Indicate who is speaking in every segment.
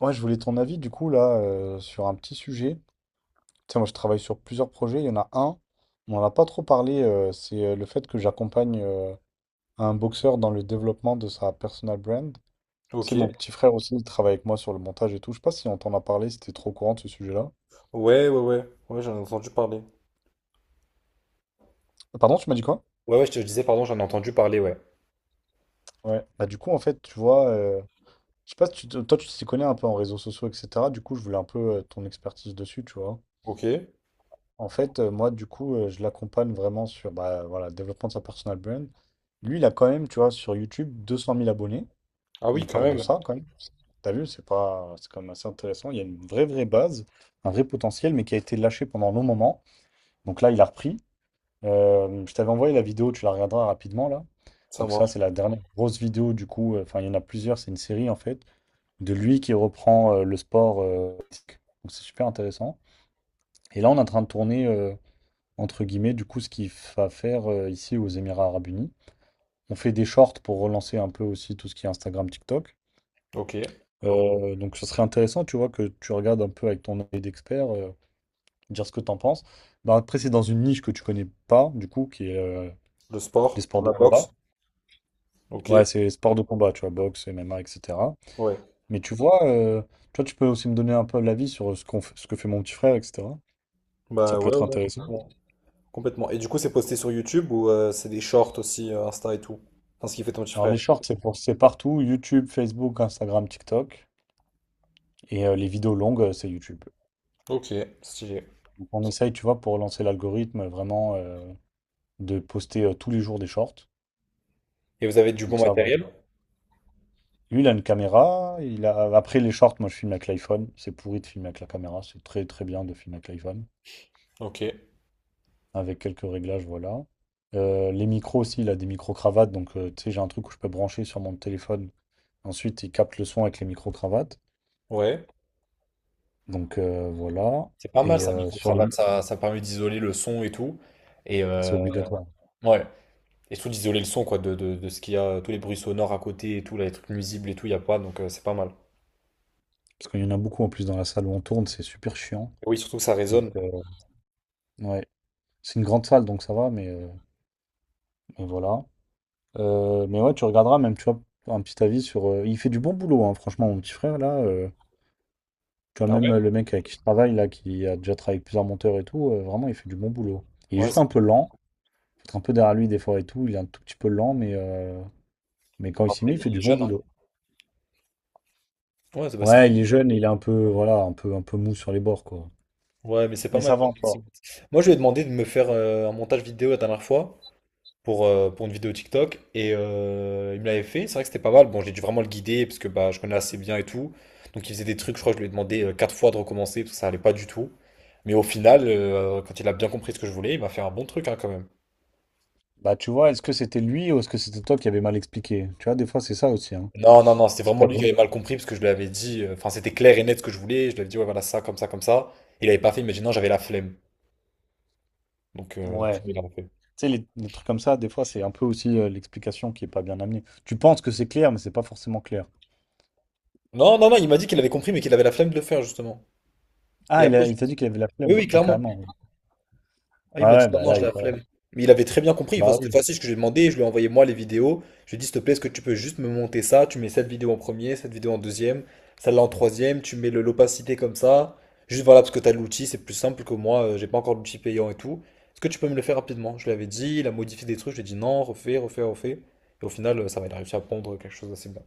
Speaker 1: Ouais, je voulais ton avis du coup là sur un petit sujet. Tu sais, moi je travaille sur plusieurs projets. Il y en a un, on n'en a pas trop parlé, c'est le fait que j'accompagne un boxeur dans le développement de sa personal brand. Tu
Speaker 2: Ok.
Speaker 1: sais, mon petit frère aussi, il travaille avec moi sur le montage et tout. Je sais pas si on t'en a parlé, c'était trop au courant de ce sujet-là.
Speaker 2: Ouais, ouais, ouais. Ouais, j'en ai entendu parler.
Speaker 1: Pardon, tu m'as dit quoi?
Speaker 2: Ouais, ouais, je disais, pardon, j'en ai entendu parler, ouais.
Speaker 1: Ouais. Bah du coup, en fait, tu vois, je sais pas si toi tu t'y connais un peu en réseaux sociaux, etc. Du coup, je voulais un peu ton expertise dessus, tu vois.
Speaker 2: Ok.
Speaker 1: En fait, moi, du coup, je l'accompagne vraiment sur bah, voilà, le développement de sa personal brand. Lui, il a quand même, tu vois, sur YouTube, 200 000 abonnés.
Speaker 2: Ah oui,
Speaker 1: Il
Speaker 2: quand
Speaker 1: part de
Speaker 2: même.
Speaker 1: ça, quand même. T'as vu, c'est pas c'est quand même assez intéressant. Il y a une vraie, vraie base, un vrai potentiel, mais qui a été lâché pendant un long moment. Donc là, il a repris. Je t'avais envoyé la vidéo, tu la regarderas rapidement, là.
Speaker 2: Ça
Speaker 1: Donc ça,
Speaker 2: marche.
Speaker 1: c'est la dernière grosse vidéo, du coup. Enfin, il y en a plusieurs, c'est une série, en fait, de lui qui reprend le sport. Donc c'est super intéressant. Et là, on est en train de tourner, entre guillemets, du coup, ce qu'il va faire ici aux Émirats Arabes Unis. On fait des shorts pour relancer un peu aussi tout ce qui est Instagram, TikTok.
Speaker 2: Ok.
Speaker 1: Donc, ce serait intéressant, tu vois, que tu regardes un peu avec ton œil d'expert, dire ce que tu en penses. Bah, après, c'est dans une niche que tu connais pas, du coup, qui est
Speaker 2: Le
Speaker 1: les
Speaker 2: sport, dans
Speaker 1: sports
Speaker 2: la
Speaker 1: de
Speaker 2: boxe.
Speaker 1: combat.
Speaker 2: Ok.
Speaker 1: Ouais, c'est sports de combat, tu vois, boxe, MMA, etc.
Speaker 2: Ouais.
Speaker 1: Mais tu vois, tu vois, tu peux aussi me donner un peu l'avis sur ce ce que fait mon petit frère, etc. Ça
Speaker 2: Bah
Speaker 1: peut
Speaker 2: ouais,
Speaker 1: être
Speaker 2: ouais,
Speaker 1: intéressant.
Speaker 2: complètement. Complètement. Et du coup, c'est posté sur YouTube ou c'est des shorts aussi, Insta et tout? Enfin, ce qu'il fait ton petit
Speaker 1: Alors,
Speaker 2: frère.
Speaker 1: les shorts, c'est pour, c'est partout, YouTube, Facebook, Instagram, TikTok. Et les vidéos longues, c'est YouTube.
Speaker 2: Ok, stylé.
Speaker 1: Donc on essaye, tu vois, pour lancer l'algorithme, vraiment de poster tous les jours des shorts.
Speaker 2: Et vous avez du bon
Speaker 1: Donc ça, voilà.
Speaker 2: matériel?
Speaker 1: Lui, il a une caméra. Il a Après les shorts, moi, je filme avec l'iPhone. C'est pourri de filmer avec la caméra. C'est très, très bien de filmer avec l'iPhone.
Speaker 2: Ok.
Speaker 1: Avec quelques réglages, voilà. Les micros aussi, il a des micro-cravates. Donc, tu sais, j'ai un truc où je peux brancher sur mon téléphone. Ensuite, il capte le son avec les micro-cravates.
Speaker 2: Ouais.
Speaker 1: Donc, voilà.
Speaker 2: C'est pas mal
Speaker 1: Et
Speaker 2: ça, micro-cravate, ça permet d'isoler le son et tout. Et
Speaker 1: C'est obligatoire.
Speaker 2: ouais. Et surtout d'isoler le son quoi, de ce qu'il y a, tous les bruits sonores à côté et tout, là, les trucs nuisibles et tout, il n'y a pas, donc c'est pas mal.
Speaker 1: Parce qu'il y en a beaucoup en plus dans la salle où on tourne. C'est super chiant.
Speaker 2: Et oui, surtout que ça
Speaker 1: Donc,
Speaker 2: résonne.
Speaker 1: euh, Ouais, c'est une grande salle donc ça va, mais voilà. Mais ouais, tu regarderas même, tu vois, un petit avis sur. Il fait du bon boulot, hein, franchement, mon petit frère là. Tu vois,
Speaker 2: Ah
Speaker 1: même
Speaker 2: ouais?
Speaker 1: le mec avec qui je travaille là, qui a déjà travaillé avec plusieurs monteurs et tout, vraiment, il fait du bon boulot. Il est
Speaker 2: Ouais,
Speaker 1: juste
Speaker 2: c'est-
Speaker 1: un peu lent, faut être un peu derrière lui des fois et tout. Il est un tout petit peu lent, mais quand il s'y
Speaker 2: Après
Speaker 1: met,
Speaker 2: il
Speaker 1: il fait
Speaker 2: est
Speaker 1: du bon
Speaker 2: jeune, hein.
Speaker 1: boulot.
Speaker 2: Ouais, c'est pas
Speaker 1: Ouais, il est
Speaker 2: mal.
Speaker 1: jeune et il est un peu, voilà, un peu mou sur les bords quoi.
Speaker 2: Ouais, mais c'est pas
Speaker 1: Mais ça
Speaker 2: mal.
Speaker 1: va
Speaker 2: C'est-
Speaker 1: encore.
Speaker 2: Moi je lui ai demandé de me faire un montage vidéo la dernière fois pour une vidéo TikTok et il me l'avait fait, c'est vrai que c'était pas mal. Bon j'ai dû vraiment le guider parce que bah je connais assez bien et tout. Donc il faisait des trucs, je crois que je lui ai demandé quatre fois de recommencer parce que ça allait pas du tout. Mais au final, quand il a bien compris ce que je voulais, il m'a fait un bon truc hein, quand même.
Speaker 1: Bah, tu vois, est-ce que c'était lui ou est-ce que c'était toi qui avais mal expliqué? Tu vois, des fois, c'est ça aussi, hein.
Speaker 2: Non, non, non, c'était
Speaker 1: C'est
Speaker 2: vraiment
Speaker 1: pas
Speaker 2: lui qui
Speaker 1: bon.
Speaker 2: avait mal compris parce que je lui avais dit, c'était clair et net ce que je voulais. Je lui avais dit, ouais, voilà, ça, comme ça, comme ça. Il avait pas fait, il m'a dit, non, j'avais la flemme. Donc, après,
Speaker 1: Ouais.
Speaker 2: il a refait.
Speaker 1: Tu sais, les trucs comme ça, des fois, c'est un peu aussi l'explication qui est pas bien amenée. Tu penses que c'est clair, mais c'est pas forcément clair.
Speaker 2: Non, non, non, il m'a dit qu'il avait compris, mais qu'il avait la flemme de le faire, justement. Et
Speaker 1: Ah,
Speaker 2: après,
Speaker 1: il t'a dit qu'il avait la
Speaker 2: oui,
Speaker 1: flemme.
Speaker 2: oui,
Speaker 1: Ah,
Speaker 2: clairement.
Speaker 1: carrément. Ouais.
Speaker 2: Ah, oui, il
Speaker 1: Ah
Speaker 2: m'a dit
Speaker 1: ouais,
Speaker 2: non,
Speaker 1: bah
Speaker 2: non,
Speaker 1: là,
Speaker 2: j'ai
Speaker 1: il
Speaker 2: la
Speaker 1: Bah
Speaker 2: flemme. Mais il avait très bien compris. Enfin,
Speaker 1: bah
Speaker 2: c'était
Speaker 1: oui.
Speaker 2: facile ce que j'ai demandé. Je lui ai envoyé moi les vidéos. Je lui ai dit, s'il te plaît, est-ce que tu peux juste me monter ça? Tu mets cette vidéo en premier, cette vidéo en deuxième, celle-là en troisième. Tu mets l'opacité comme ça. Juste voilà, parce que t'as l'outil, c'est plus simple que moi. J'ai pas encore l'outil payant et tout. Est-ce que tu peux me le faire rapidement? Je lui avais dit, il a modifié des trucs. Je lui ai dit non, refais, refais, refais. Et au final, ça va, il a réussi à pondre quelque chose d'assez bien.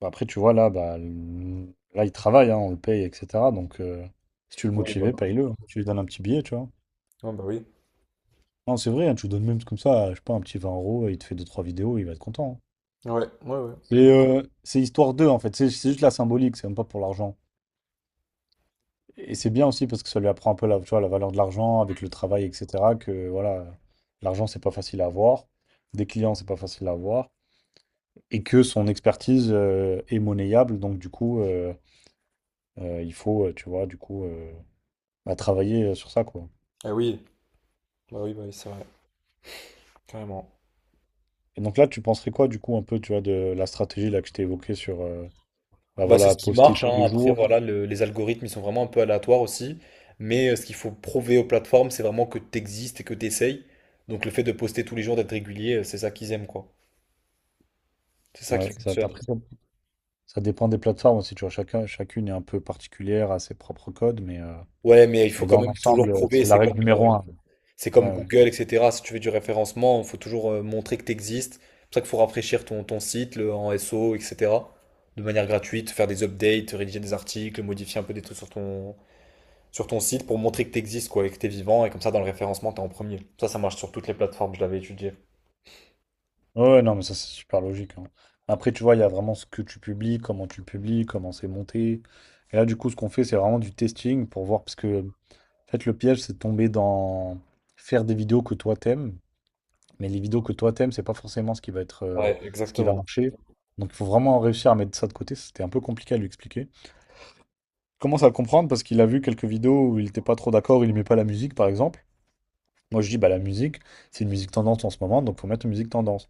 Speaker 1: Bah après, tu vois, là, il travaille, hein, on le paye, etc. Donc, si tu veux le
Speaker 2: Oui, bah oui.
Speaker 1: motiver, paye-le. Hein. Tu lui donnes un petit billet, tu vois.
Speaker 2: Ah, bah oui.
Speaker 1: Non, c'est vrai, hein, tu lui donnes même comme ça, je sais pas, un petit 20 euros, il te fait deux trois vidéos, il va être content. Hein.
Speaker 2: Ouais, ouais, ouais.
Speaker 1: C'est histoire d'eux en fait, c'est juste la symbolique, c'est même pas pour l'argent. Et c'est bien aussi parce que ça lui apprend un peu la, tu vois, la valeur de l'argent avec le travail, etc. Que voilà, l'argent c'est pas facile à avoir, des clients c'est pas facile à avoir, et que son expertise est monnayable, donc du coup il faut, tu vois, bah, travailler sur ça quoi.
Speaker 2: Ah oui, bah oui, bah oui, c'est vrai. Carrément.
Speaker 1: Et donc là tu penserais quoi du coup un peu, tu vois, de la stratégie là que je t'ai évoquée sur, bah
Speaker 2: Bah, c'est
Speaker 1: voilà,
Speaker 2: ce qui
Speaker 1: poster
Speaker 2: marche,
Speaker 1: tous
Speaker 2: hein.
Speaker 1: les
Speaker 2: Après,
Speaker 1: jours.
Speaker 2: voilà, les algorithmes, ils sont vraiment un peu aléatoires aussi. Mais ce qu'il faut prouver aux plateformes, c'est vraiment que tu existes et que tu essayes. Donc, le fait de poster tous les jours, d'être régulier, c'est ça qu'ils aiment, quoi. C'est ça qui
Speaker 1: Ouais, exact.
Speaker 2: fonctionne.
Speaker 1: Ça dépend des plateformes aussi, tu vois, chacun, chacune est un peu particulière à ses propres codes,
Speaker 2: Ouais, mais il faut
Speaker 1: mais
Speaker 2: quand
Speaker 1: dans
Speaker 2: même toujours
Speaker 1: l'ensemble,
Speaker 2: prouver.
Speaker 1: c'est la règle numéro un.
Speaker 2: C'est
Speaker 1: Ouais,
Speaker 2: comme
Speaker 1: ouais.
Speaker 2: Google, etc. Si tu veux du référencement, il faut toujours montrer que tu existes. C'est pour ça qu'il faut rafraîchir ton site en SEO, etc. De manière gratuite, faire des updates, rédiger des articles, modifier un peu des trucs sur ton site pour montrer que tu existes, quoi, et que tu es vivant, et comme ça, dans le référencement, tu es en premier. Ça marche sur toutes les plateformes, je l'avais étudié.
Speaker 1: Ouais, ouais, non, mais ça, c'est super logique. Hein. Après, tu vois, il y a vraiment ce que tu publies, comment tu le publies, comment c'est monté. Et là, du coup, ce qu'on fait, c'est vraiment du testing pour voir, parce que, en fait, le piège, c'est de tomber dans faire des vidéos que toi t'aimes, mais les vidéos que toi t'aimes, c'est pas forcément ce qui va être,
Speaker 2: Ouais,
Speaker 1: ce qui va
Speaker 2: exactement.
Speaker 1: marcher. Donc, il faut vraiment réussir à mettre ça de côté. C'était un peu compliqué à lui expliquer. Commence à le comprendre parce qu'il a vu quelques vidéos où il n'était pas trop d'accord, il aimait pas la musique par exemple. Moi je dis bah la musique, c'est une musique tendance en ce moment, donc faut mettre une musique tendance.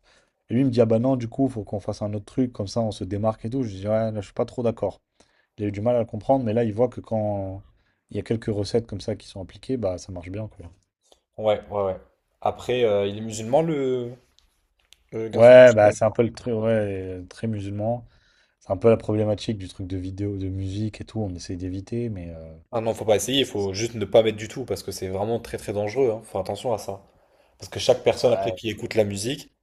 Speaker 1: Et lui il me dit ah bah non du coup faut qu'on fasse un autre truc, comme ça on se démarque et tout. Je dis ouais là, je suis pas trop d'accord. Il a eu du mal à le comprendre, mais là il voit que quand il y a quelques recettes comme ça qui sont appliquées, bah ça marche bien quoi.
Speaker 2: Ouais, ouais, ouais. Après, il est musulman, le garçon qui vous
Speaker 1: Ouais bah
Speaker 2: surveille.
Speaker 1: c'est un peu le truc ouais, très musulman. C'est un peu la problématique du truc de vidéo, de musique et tout, on essaye d'éviter, mais
Speaker 2: Ah non, faut pas essayer, il faut juste ne pas mettre du tout, parce que c'est vraiment très très dangereux, hein. Faut attention à ça. Parce que chaque personne, après,
Speaker 1: ouais,
Speaker 2: qui écoute la musique,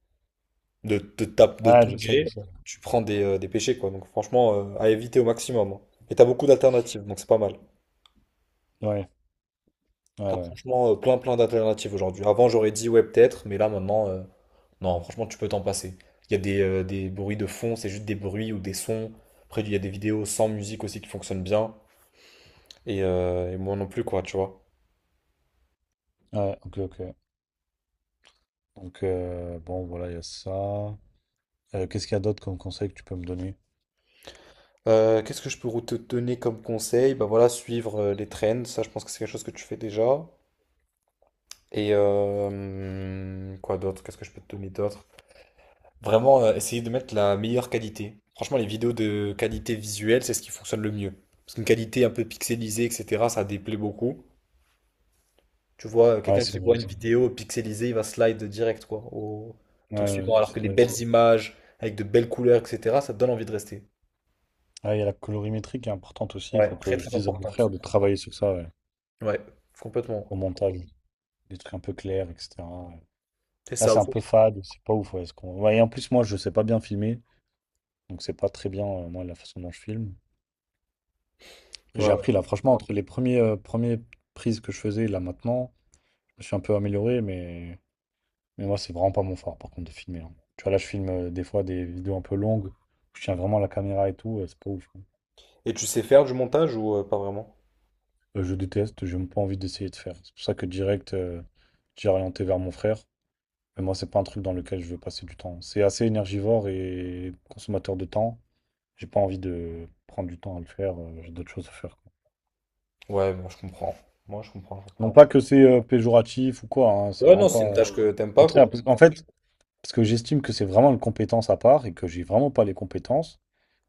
Speaker 2: de
Speaker 1: ouais,
Speaker 2: tout
Speaker 1: je sais, je
Speaker 2: gré,
Speaker 1: sais.
Speaker 2: tu prends des péchés, quoi. Donc franchement, à éviter au maximum, hein. Et t'as beaucoup d'alternatives, donc c'est pas mal.
Speaker 1: Ouais, ouais,
Speaker 2: T'as
Speaker 1: ouais.
Speaker 2: franchement plein plein d'alternatives aujourd'hui. Avant j'aurais dit ouais peut-être, mais là maintenant non franchement tu peux t'en passer. Il y a des bruits de fond, c'est juste des bruits ou des sons. Après il y a des vidéos sans musique aussi qui fonctionnent bien. Et moi non plus quoi tu vois.
Speaker 1: Ouais, ok, ok. Donc, bon, voilà, il y a ça. Qu'est-ce qu'il y a d'autre comme conseil que tu peux me donner?
Speaker 2: Qu'est-ce que je peux te donner comme conseil? Bah voilà, suivre les trends, ça je pense que c'est quelque chose que tu fais déjà. Et quoi d'autre? Qu'est-ce que je peux te donner d'autre? Vraiment, essayer de mettre la meilleure qualité. Franchement, les vidéos de qualité visuelle, c'est ce qui fonctionne le mieux. Parce qu'une qualité un peu pixelisée, etc., ça déplaît beaucoup. Tu vois,
Speaker 1: Ouais,
Speaker 2: quelqu'un qui
Speaker 1: c'est vrai.
Speaker 2: voit une
Speaker 1: C'est vrai.
Speaker 2: vidéo pixelisée, il va slide direct, quoi, au
Speaker 1: Ouais,
Speaker 2: truc
Speaker 1: ouais,
Speaker 2: suivant. Alors
Speaker 1: c'est
Speaker 2: que les
Speaker 1: vrai, c'est
Speaker 2: belles
Speaker 1: vrai.
Speaker 2: images, avec de belles couleurs, etc., ça te donne envie de rester.
Speaker 1: Ah, il y a la colorimétrie qui est importante aussi. Il
Speaker 2: Ouais,
Speaker 1: faut
Speaker 2: très
Speaker 1: que je
Speaker 2: très
Speaker 1: dise à mon frère
Speaker 2: importante.
Speaker 1: de travailler sur ça, ouais,
Speaker 2: Ouais, complètement.
Speaker 1: au montage. Des trucs un peu clairs, etc. Ouais.
Speaker 2: C'est
Speaker 1: Là,
Speaker 2: ça
Speaker 1: c'est un
Speaker 2: aussi.
Speaker 1: peu fade, c'est pas ouf. Ouais, ouais, et en plus, moi, je sais pas bien filmer. Donc, c'est pas très bien, moi, la façon dont je filme.
Speaker 2: Ouais,
Speaker 1: J'ai
Speaker 2: ouais.
Speaker 1: appris, là, franchement, entre les premières prises que je faisais, là, maintenant, je suis un peu amélioré, mais moi, c'est vraiment pas mon fort, par contre, de filmer. Hein. Tu vois, là, je filme des fois des vidéos un peu longues, je tiens vraiment la caméra et tout, c'est pas ouf. Hein.
Speaker 2: Et tu sais faire du montage ou pas vraiment?
Speaker 1: Je déteste, j'ai même pas envie d'essayer de faire. C'est pour ça que direct, j'ai orienté vers mon frère. Mais moi, c'est pas un truc dans lequel je veux passer du temps. C'est assez énergivore et consommateur de temps. J'ai pas envie de prendre du temps à le faire, j'ai d'autres choses à faire. Quoi.
Speaker 2: Ouais, moi je comprends. Moi je comprends, je
Speaker 1: Non
Speaker 2: comprends.
Speaker 1: pas que c'est péjoratif ou quoi, hein, c'est
Speaker 2: Ouais,
Speaker 1: vraiment
Speaker 2: non, c'est une
Speaker 1: pas Au
Speaker 2: tâche que t'aimes pas, quoi.
Speaker 1: contraire, en fait, parce que j'estime que c'est vraiment une compétence à part et que j'ai vraiment pas les compétences.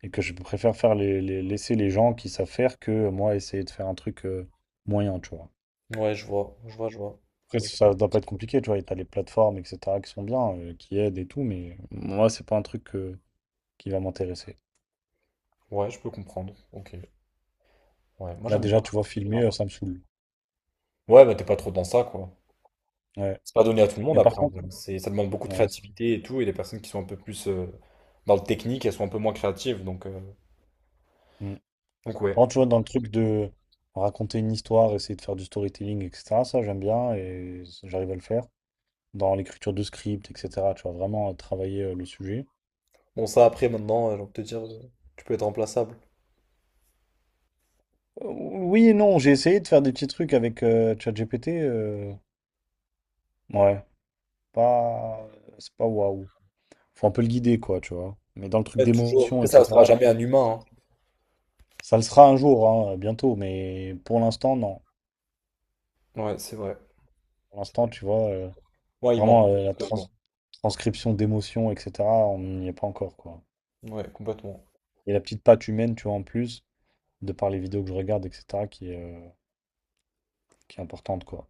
Speaker 1: Et que je préfère faire laisser les gens qui savent faire que moi essayer de faire un truc moyen, tu vois.
Speaker 2: Ouais, je vois, je vois, je vois.
Speaker 1: Après, ça doit pas être compliqué, tu vois. Et t'as les plateformes, etc., qui sont bien, qui aident et tout, mais moi, c'est pas un truc qui va m'intéresser.
Speaker 2: Ouais, je peux comprendre. Ok. Ouais, moi
Speaker 1: Là,
Speaker 2: j'aime
Speaker 1: déjà,
Speaker 2: bien.
Speaker 1: tu vois, filmer, ça me saoule.
Speaker 2: Ouais, bah t'es pas trop dans ça, quoi.
Speaker 1: Ouais.
Speaker 2: C'est pas donné à tout le monde
Speaker 1: Mais par
Speaker 2: après, en
Speaker 1: contre,
Speaker 2: vrai. C'est, ça demande beaucoup de
Speaker 1: ouais, c'est-
Speaker 2: créativité et tout. Et les personnes qui sont un peu plus dans le technique, elles sont un peu moins créatives.
Speaker 1: Mm.
Speaker 2: Donc ouais.
Speaker 1: Par contre, tu vois, dans le truc de raconter une histoire, essayer de faire du storytelling, etc., ça, j'aime bien et j'arrive à le faire. Dans l'écriture de script, etc., tu vois, vraiment travailler le sujet.
Speaker 2: Bon, ça après, maintenant, j'ai envie de te dire, tu peux être remplaçable.
Speaker 1: Oui et non, j'ai essayé de faire des petits trucs avec ChatGPT. Ouais, pas, C'est pas waouh. Faut un peu le guider, quoi, tu vois. Mais dans le truc
Speaker 2: Ouais, toujours.
Speaker 1: d'émotion,
Speaker 2: Après, ça restera
Speaker 1: etc.
Speaker 2: jamais un humain,
Speaker 1: Ça le sera un jour, hein, bientôt. Mais pour l'instant, non.
Speaker 2: hein. Ouais, c'est vrai.
Speaker 1: Pour
Speaker 2: C'est
Speaker 1: l'instant,
Speaker 2: vrai.
Speaker 1: tu vois,
Speaker 2: Ouais, il manque.
Speaker 1: vraiment euh, la trans- transcription d'émotion, etc. On n'y est pas encore, quoi.
Speaker 2: Ouais, complètement.
Speaker 1: Et la petite patte humaine, tu vois, en plus, de par les vidéos que je regarde, etc., qui est importante, quoi.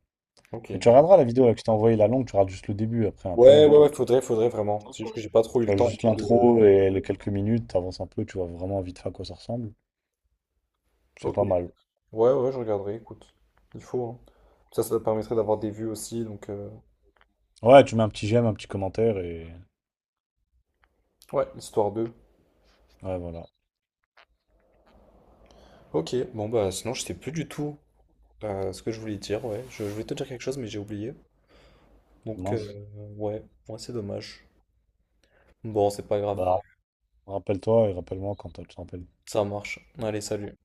Speaker 2: Ok.
Speaker 1: Mais tu
Speaker 2: Ouais,
Speaker 1: regarderas la vidéo là, que je t'ai envoyée, la longue, tu regardes juste le début, après un peu
Speaker 2: ouais,
Speaker 1: longue.
Speaker 2: ouais, ouais, faudrait, faudrait vraiment. C'est juste que j'ai pas trop eu
Speaker 1: Tu
Speaker 2: le
Speaker 1: vois,
Speaker 2: temps et
Speaker 1: juste
Speaker 2: tout de.
Speaker 1: l'intro et les quelques minutes, t'avances un peu, tu vois vraiment vite fait à quoi ça ressemble. C'est
Speaker 2: Ok.
Speaker 1: pas mal.
Speaker 2: Ouais, ouais, je regarderai, écoute. Il faut, hein. Ça permettrait d'avoir des vues aussi, donc
Speaker 1: Ouais, tu mets un petit j'aime, un petit commentaire et
Speaker 2: ouais, histoire d'eux.
Speaker 1: Ouais, voilà.
Speaker 2: Ok, bon bah sinon je sais plus du tout ce que je voulais dire, ouais. Je voulais te dire quelque chose mais j'ai oublié. Donc
Speaker 1: Mince.
Speaker 2: ouais, ouais, c'est dommage. Bon, c'est pas grave,
Speaker 1: Bah, rappelle-toi et rappelle-moi quand tu te rappelles.
Speaker 2: ça marche. Allez, salut.